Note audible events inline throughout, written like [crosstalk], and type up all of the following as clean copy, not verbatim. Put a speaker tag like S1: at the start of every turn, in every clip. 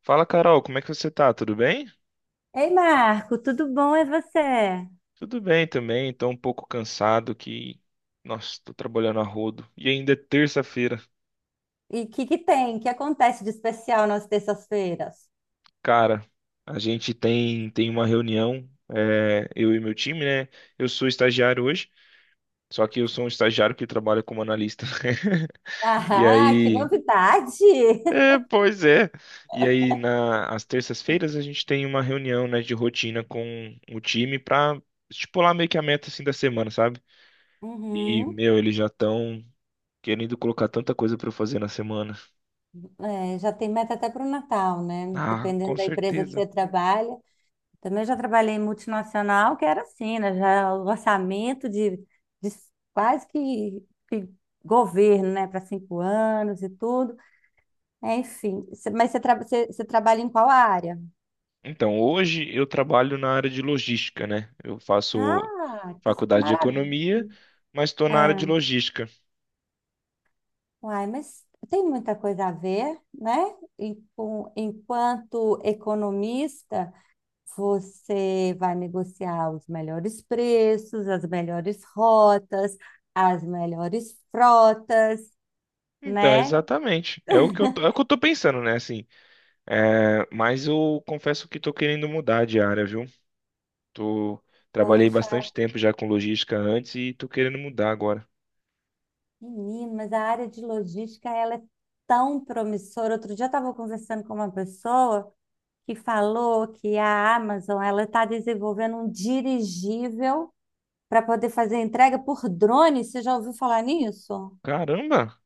S1: Fala, Carol, como é que você tá? Tudo bem?
S2: Ei, Marco, tudo bom? É você?
S1: Tudo bem também, tô um pouco cansado nossa, tô trabalhando a rodo. E ainda é terça-feira.
S2: E o que que tem? O que acontece de especial nas terças-feiras? [laughs]
S1: Cara, a gente tem uma reunião, é, eu e meu time, né? Eu sou estagiário hoje, só que eu sou um estagiário que trabalha como analista. [laughs] E
S2: Ah, que
S1: aí,
S2: novidade!
S1: é,
S2: [laughs]
S1: pois é. E aí, às terças-feiras, a gente tem uma reunião, né, de rotina com o time pra estipular meio que a meta, assim, da semana, sabe? E,
S2: Uhum.
S1: meu, eles já estão querendo colocar tanta coisa para eu fazer na semana.
S2: É, já tem meta até para o Natal, né?
S1: Ah, com
S2: Dependendo da empresa que
S1: certeza.
S2: você trabalha. Também já trabalhei em multinacional, que era assim, né? Já o orçamento de quase que governo, né? Para 5 anos e tudo. É, enfim, mas você, você trabalha em qual área?
S1: Então, hoje eu trabalho na área de logística, né? Eu faço
S2: Ah, que
S1: faculdade de
S2: maravilha!
S1: economia, mas estou na área de
S2: É.
S1: logística.
S2: Uai, mas tem muita coisa a ver, né? Enquanto economista, você vai negociar os melhores preços, as melhores rotas, as melhores frotas,
S1: Então,
S2: né?
S1: exatamente. É o que eu tô pensando, né? Assim, é, mas eu confesso que estou querendo mudar de área, viu? Tô, trabalhei
S2: Poxa,
S1: bastante tempo já com logística antes e tô querendo mudar agora.
S2: menino, mas a área de logística, ela é tão promissora. Outro dia eu estava conversando com uma pessoa que falou que a Amazon, ela está desenvolvendo um dirigível para poder fazer a entrega por drone. Você já ouviu falar nisso?
S1: Caramba,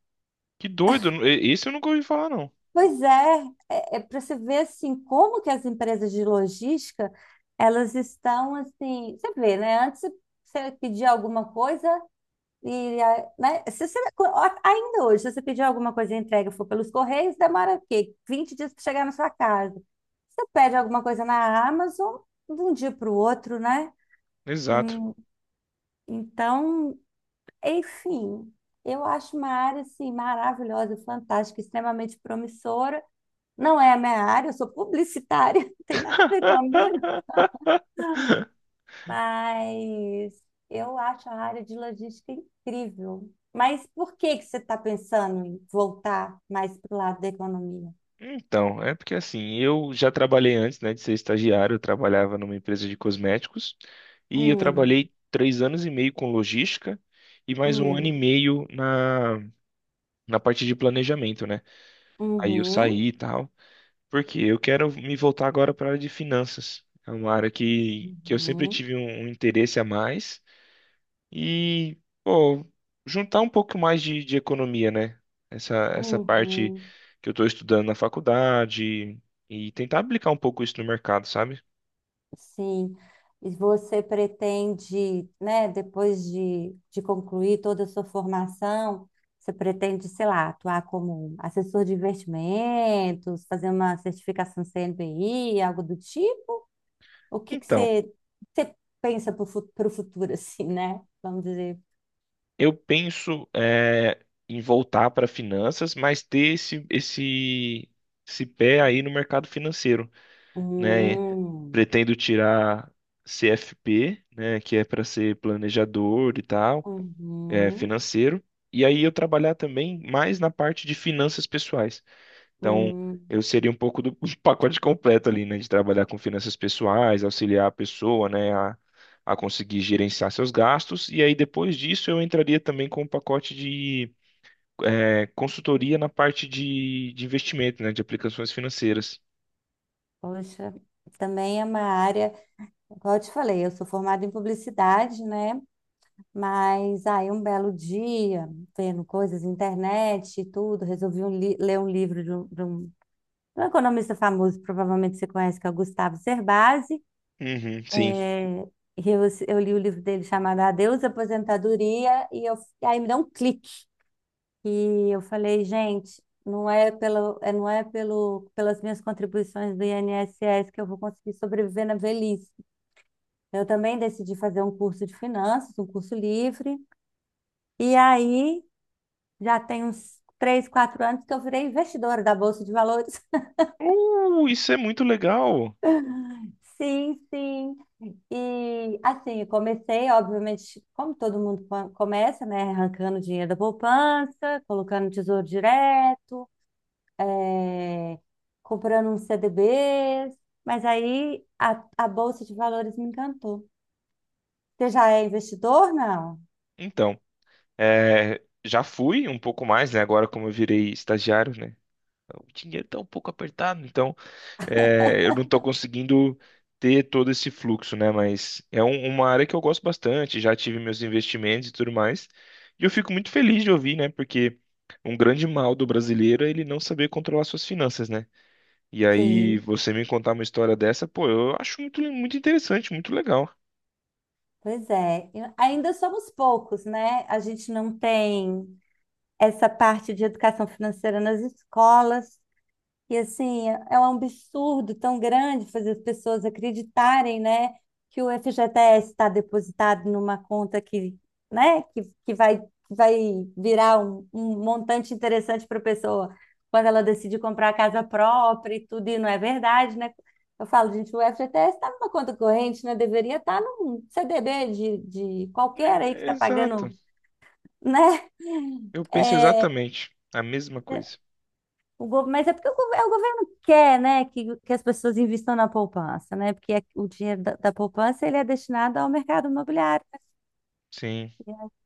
S1: que doido! Esse eu nunca ouvi falar, não.
S2: Pois é, para você ver assim como que as empresas de logística elas estão assim. Você vê, né? Antes você pedia alguma coisa né? Se você- ó, ainda hoje, se você pedir alguma coisa e a entrega for pelos Correios, demora o quê? 20 dias para chegar na sua casa. Você pede alguma coisa na Amazon de um dia para o outro, né?
S1: Exato.
S2: Hum, Então, enfim, eu acho uma área assim maravilhosa, fantástica, extremamente promissora. Não é a minha área, eu sou publicitária, [laughs] não tem nada a ver comigo, mas eu acho a área de logística incrível. Mas por que que você está pensando em voltar mais para o lado da economia?
S1: Então, é porque assim, eu já trabalhei antes, né, de ser estagiário, eu trabalhava numa empresa de cosméticos e eu
S2: Hum,
S1: trabalhei 3 anos e meio com logística e mais 1 ano e
S2: hum,
S1: meio na parte de planejamento, né? Aí eu
S2: uhum,
S1: saí e tal, porque eu quero me voltar agora para a área de finanças. É uma área que eu sempre
S2: uhum,
S1: tive um interesse a mais e, pô, juntar um pouco mais de economia, né? Essa parte
S2: uhum.
S1: que eu estou estudando na faculdade e tentar aplicar um pouco isso no mercado, sabe?
S2: Sim. E você pretende, né, depois de concluir toda a sua formação, você pretende, sei lá, atuar como assessor de investimentos, fazer uma certificação CNPI, algo do tipo? O que que
S1: Então,
S2: você pensa para o futuro, [laughs] assim, né? Vamos dizer.
S1: eu penso é, em voltar para finanças, mas ter esse pé aí no mercado financeiro, né?
S2: Hum,
S1: Pretendo tirar CFP, né? Que é para ser planejador e tal, é,
S2: uhum,
S1: financeiro. E aí eu trabalhar também mais na parte de finanças pessoais. Então,
S2: hum.
S1: eu seria um pouco do [laughs] do pacote completo ali, né? De trabalhar com finanças pessoais, auxiliar a pessoa, né, a conseguir gerenciar seus gastos. E aí, depois disso, eu entraria também com um pacote de é, consultoria na parte de investimento, né? De aplicações financeiras.
S2: Poxa, também é uma área, como eu te falei, eu sou formada em publicidade, né? Mas aí um belo dia, vendo coisas na internet e tudo, resolvi ler um livro de um economista famoso, provavelmente você conhece, que é o Gustavo Cerbasi.
S1: Uhum, sim.
S2: É, e eu, eu li o livro dele chamado Adeus Aposentadoria, e aí me deu um clique. E eu falei, gente, não é pelo, pelas minhas contribuições do INSS que eu vou conseguir sobreviver na velhice. Eu também decidi fazer um curso de finanças, um curso livre. E aí já tem uns 3, 4 anos que eu virei investidora da Bolsa de Valores. [laughs]
S1: Isso é muito legal.
S2: Sim, sim. E assim, eu comecei, obviamente, como todo mundo começa, né? Arrancando dinheiro da poupança, colocando no tesouro direto, eh, comprando uns CDBs. Mas aí a Bolsa de Valores me encantou. Você já é investidor, não?
S1: Então, é, já fui um pouco mais, né? Agora, como eu virei estagiário, né? O dinheiro tá um pouco apertado, então é, eu não estou conseguindo ter todo esse fluxo, né? Mas é uma área que eu gosto bastante, já tive meus investimentos e tudo mais. E eu fico muito feliz de ouvir, né? Porque um grande mal do brasileiro é ele não saber controlar suas finanças, né? E aí
S2: Sim,
S1: você me contar uma história dessa, pô, eu acho muito, muito interessante, muito legal.
S2: pois é. Ainda somos poucos, né? A gente não tem essa parte de educação financeira nas escolas. E assim, é um absurdo tão grande fazer as pessoas acreditarem, né, que o FGTS está depositado numa conta que, né, que vai virar um montante interessante para a pessoa quando ela decide comprar a casa própria e tudo, e não é verdade, né? Eu falo, gente, o FGTS está numa conta corrente, né? Deveria estar tá num CDB de qualquer aí que
S1: É, é
S2: está
S1: exato.
S2: pagando, né?
S1: Eu penso
S2: É,
S1: exatamente a mesma coisa.
S2: O go- Mas é porque é o governo quer, né, que as pessoas invistam na poupança, né? Porque o dinheiro da poupança ele é destinado ao mercado imobiliário, né?
S1: Sim.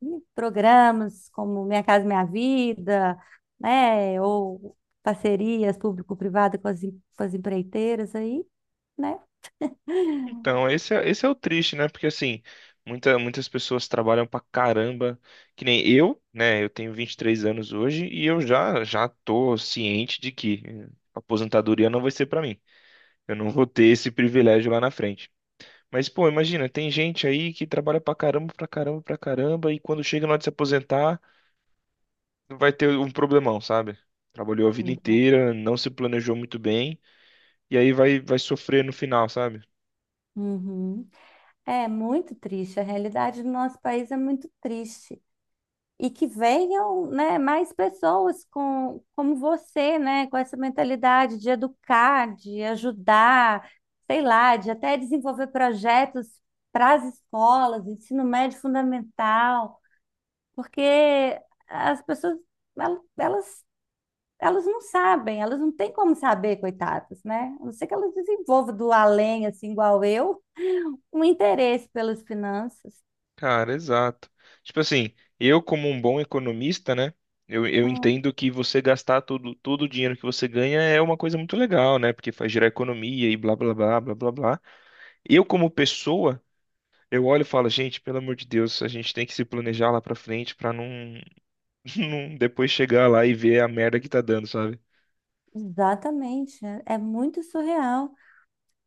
S2: E programas como Minha Casa Minha Vida, né? Ou parcerias público-privada com as empreiteiras aí, né?
S1: Então, esse é o triste, né? Porque assim, muitas pessoas trabalham pra caramba, que nem eu, né? Eu tenho 23 anos hoje e eu já tô ciente de que eh, aposentadoria não vai ser pra mim. Eu não vou ter esse privilégio lá na frente. Mas, pô, imagina, tem gente aí que trabalha pra caramba, pra caramba, pra caramba, e quando chega na hora de se aposentar, vai ter um problemão, sabe? Trabalhou a vida inteira, não se planejou muito bem, e aí vai sofrer no final, sabe?
S2: Uhum. É muito triste. A realidade do nosso país é muito triste. E que venham, né, mais pessoas como você, né, com essa mentalidade de educar, de ajudar, sei lá, de até desenvolver projetos para as escolas, ensino médio fundamental, porque as pessoas, el- elas, elas não sabem, elas não têm como saber, coitadas, né? A não ser que elas desenvolvam do além, assim, igual eu, um interesse pelas finanças.
S1: Cara, exato. Tipo assim, eu como um bom economista, né? Eu
S2: Hum.
S1: entendo que você gastar tudo, todo o dinheiro que você ganha é uma coisa muito legal, né? Porque faz gerar economia e blá blá blá blá blá blá. Eu como pessoa, eu olho e falo, gente, pelo amor de Deus, a gente tem que se planejar lá pra frente pra não, [laughs] não depois chegar lá e ver a merda que tá dando, sabe?
S2: Exatamente, é muito surreal.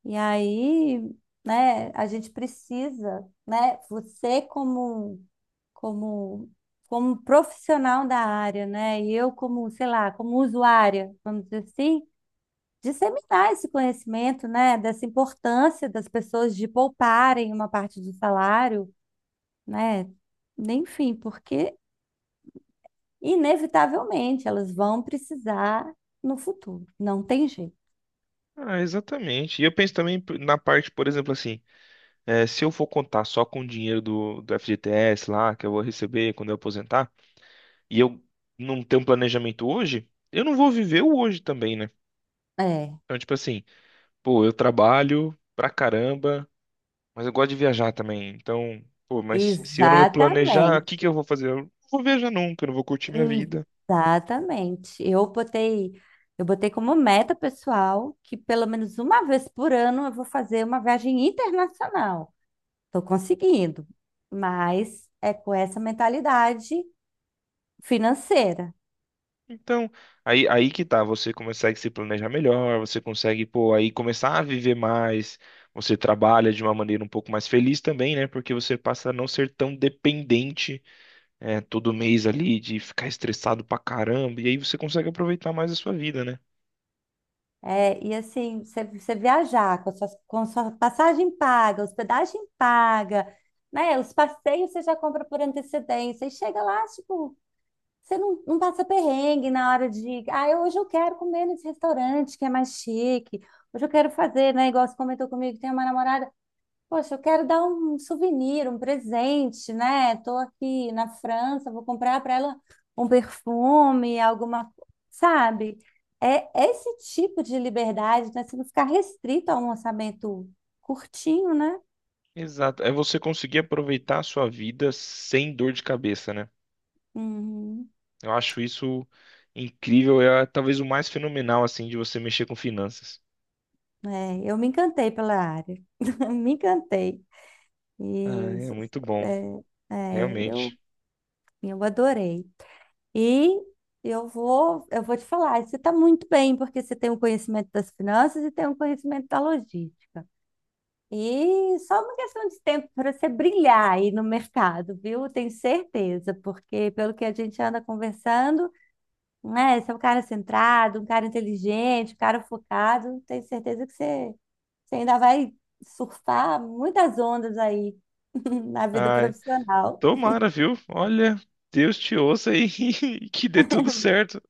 S2: E aí, né, a gente precisa, né, você como como profissional da área, né, e eu como, sei lá, como usuária, vamos dizer assim, disseminar esse conhecimento, né, dessa importância das pessoas de pouparem uma parte do salário, né, enfim, porque inevitavelmente elas vão precisar no futuro, não tem jeito.
S1: Ah, exatamente. E eu penso também na parte, por exemplo, assim, eh, se eu for contar só com o dinheiro do FGTS lá, que eu vou receber quando eu aposentar, e eu não tenho um planejamento hoje, eu não vou viver o hoje também, né?
S2: É,
S1: Então, tipo assim, pô, eu trabalho pra caramba, mas eu gosto de viajar também. Então, pô, mas se eu não me planejar, o que
S2: exatamente.
S1: que eu vou fazer? Eu não vou viajar nunca, eu não vou curtir minha
S2: Hum.
S1: vida.
S2: Exatamente. Eu botei como meta pessoal que pelo menos uma vez por ano eu vou fazer uma viagem internacional. Estou conseguindo, mas é com essa mentalidade financeira.
S1: Então, aí que tá, você consegue se planejar melhor, você consegue, pô, aí começar a viver mais, você trabalha de uma maneira um pouco mais feliz também, né? Porque você passa a não ser tão dependente é, todo mês ali, de ficar estressado pra caramba, e aí você consegue aproveitar mais a sua vida, né?
S2: É, e assim, você viajar com a sua passagem paga, hospedagem paga, né? Os passeios você já compra por antecedência e chega lá, tipo, você não passa perrengue na hora de. Ah, hoje eu quero comer nesse restaurante que é mais chique. Hoje eu quero fazer, né? Igual você comentou comigo, tem uma namorada. Poxa, eu quero dar um souvenir, um presente, né? Tô aqui na França, vou comprar para ela um perfume, alguma. Sabe? É esse tipo de liberdade, né? Você não ficar restrito a um orçamento curtinho, né?
S1: Exato. É você conseguir aproveitar a sua vida sem dor de cabeça, né?
S2: Uhum.
S1: Eu acho isso incrível, é talvez o mais fenomenal, assim, de você mexer com finanças.
S2: É, eu me encantei pela área. [laughs] Me encantei.
S1: Ah, é
S2: Isso.
S1: muito bom,
S2: É, é, eu,
S1: realmente.
S2: eu adorei. E eu vou te falar, você está muito bem, porque você tem um conhecimento das finanças e tem um conhecimento da logística. E só uma questão de tempo para você brilhar aí no mercado, viu? Tenho certeza, porque pelo que a gente anda conversando, né? Você é um cara centrado, um cara inteligente, um cara focado. Tenho certeza que você ainda vai surfar muitas ondas aí [laughs] na vida
S1: Ai,
S2: profissional.
S1: tomara, viu? Olha, Deus te ouça aí [laughs] e que dê tudo certo.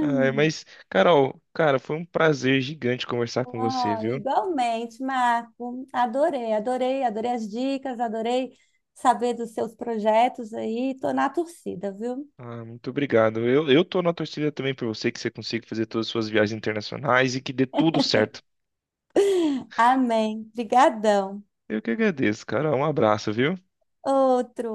S1: Ai, mas, Carol, cara, foi um prazer gigante conversar com você,
S2: Oh,
S1: viu?
S2: igualmente, Marco. Adorei, adorei, adorei as dicas, adorei saber dos seus projetos aí. Tô na torcida, viu?
S1: Ah, muito obrigado. Eu tô na torcida também por você, que você consiga fazer todas as suas viagens internacionais e que dê tudo certo.
S2: Amém. Obrigadão.
S1: Eu que agradeço, cara. Um abraço, viu?
S2: Outro.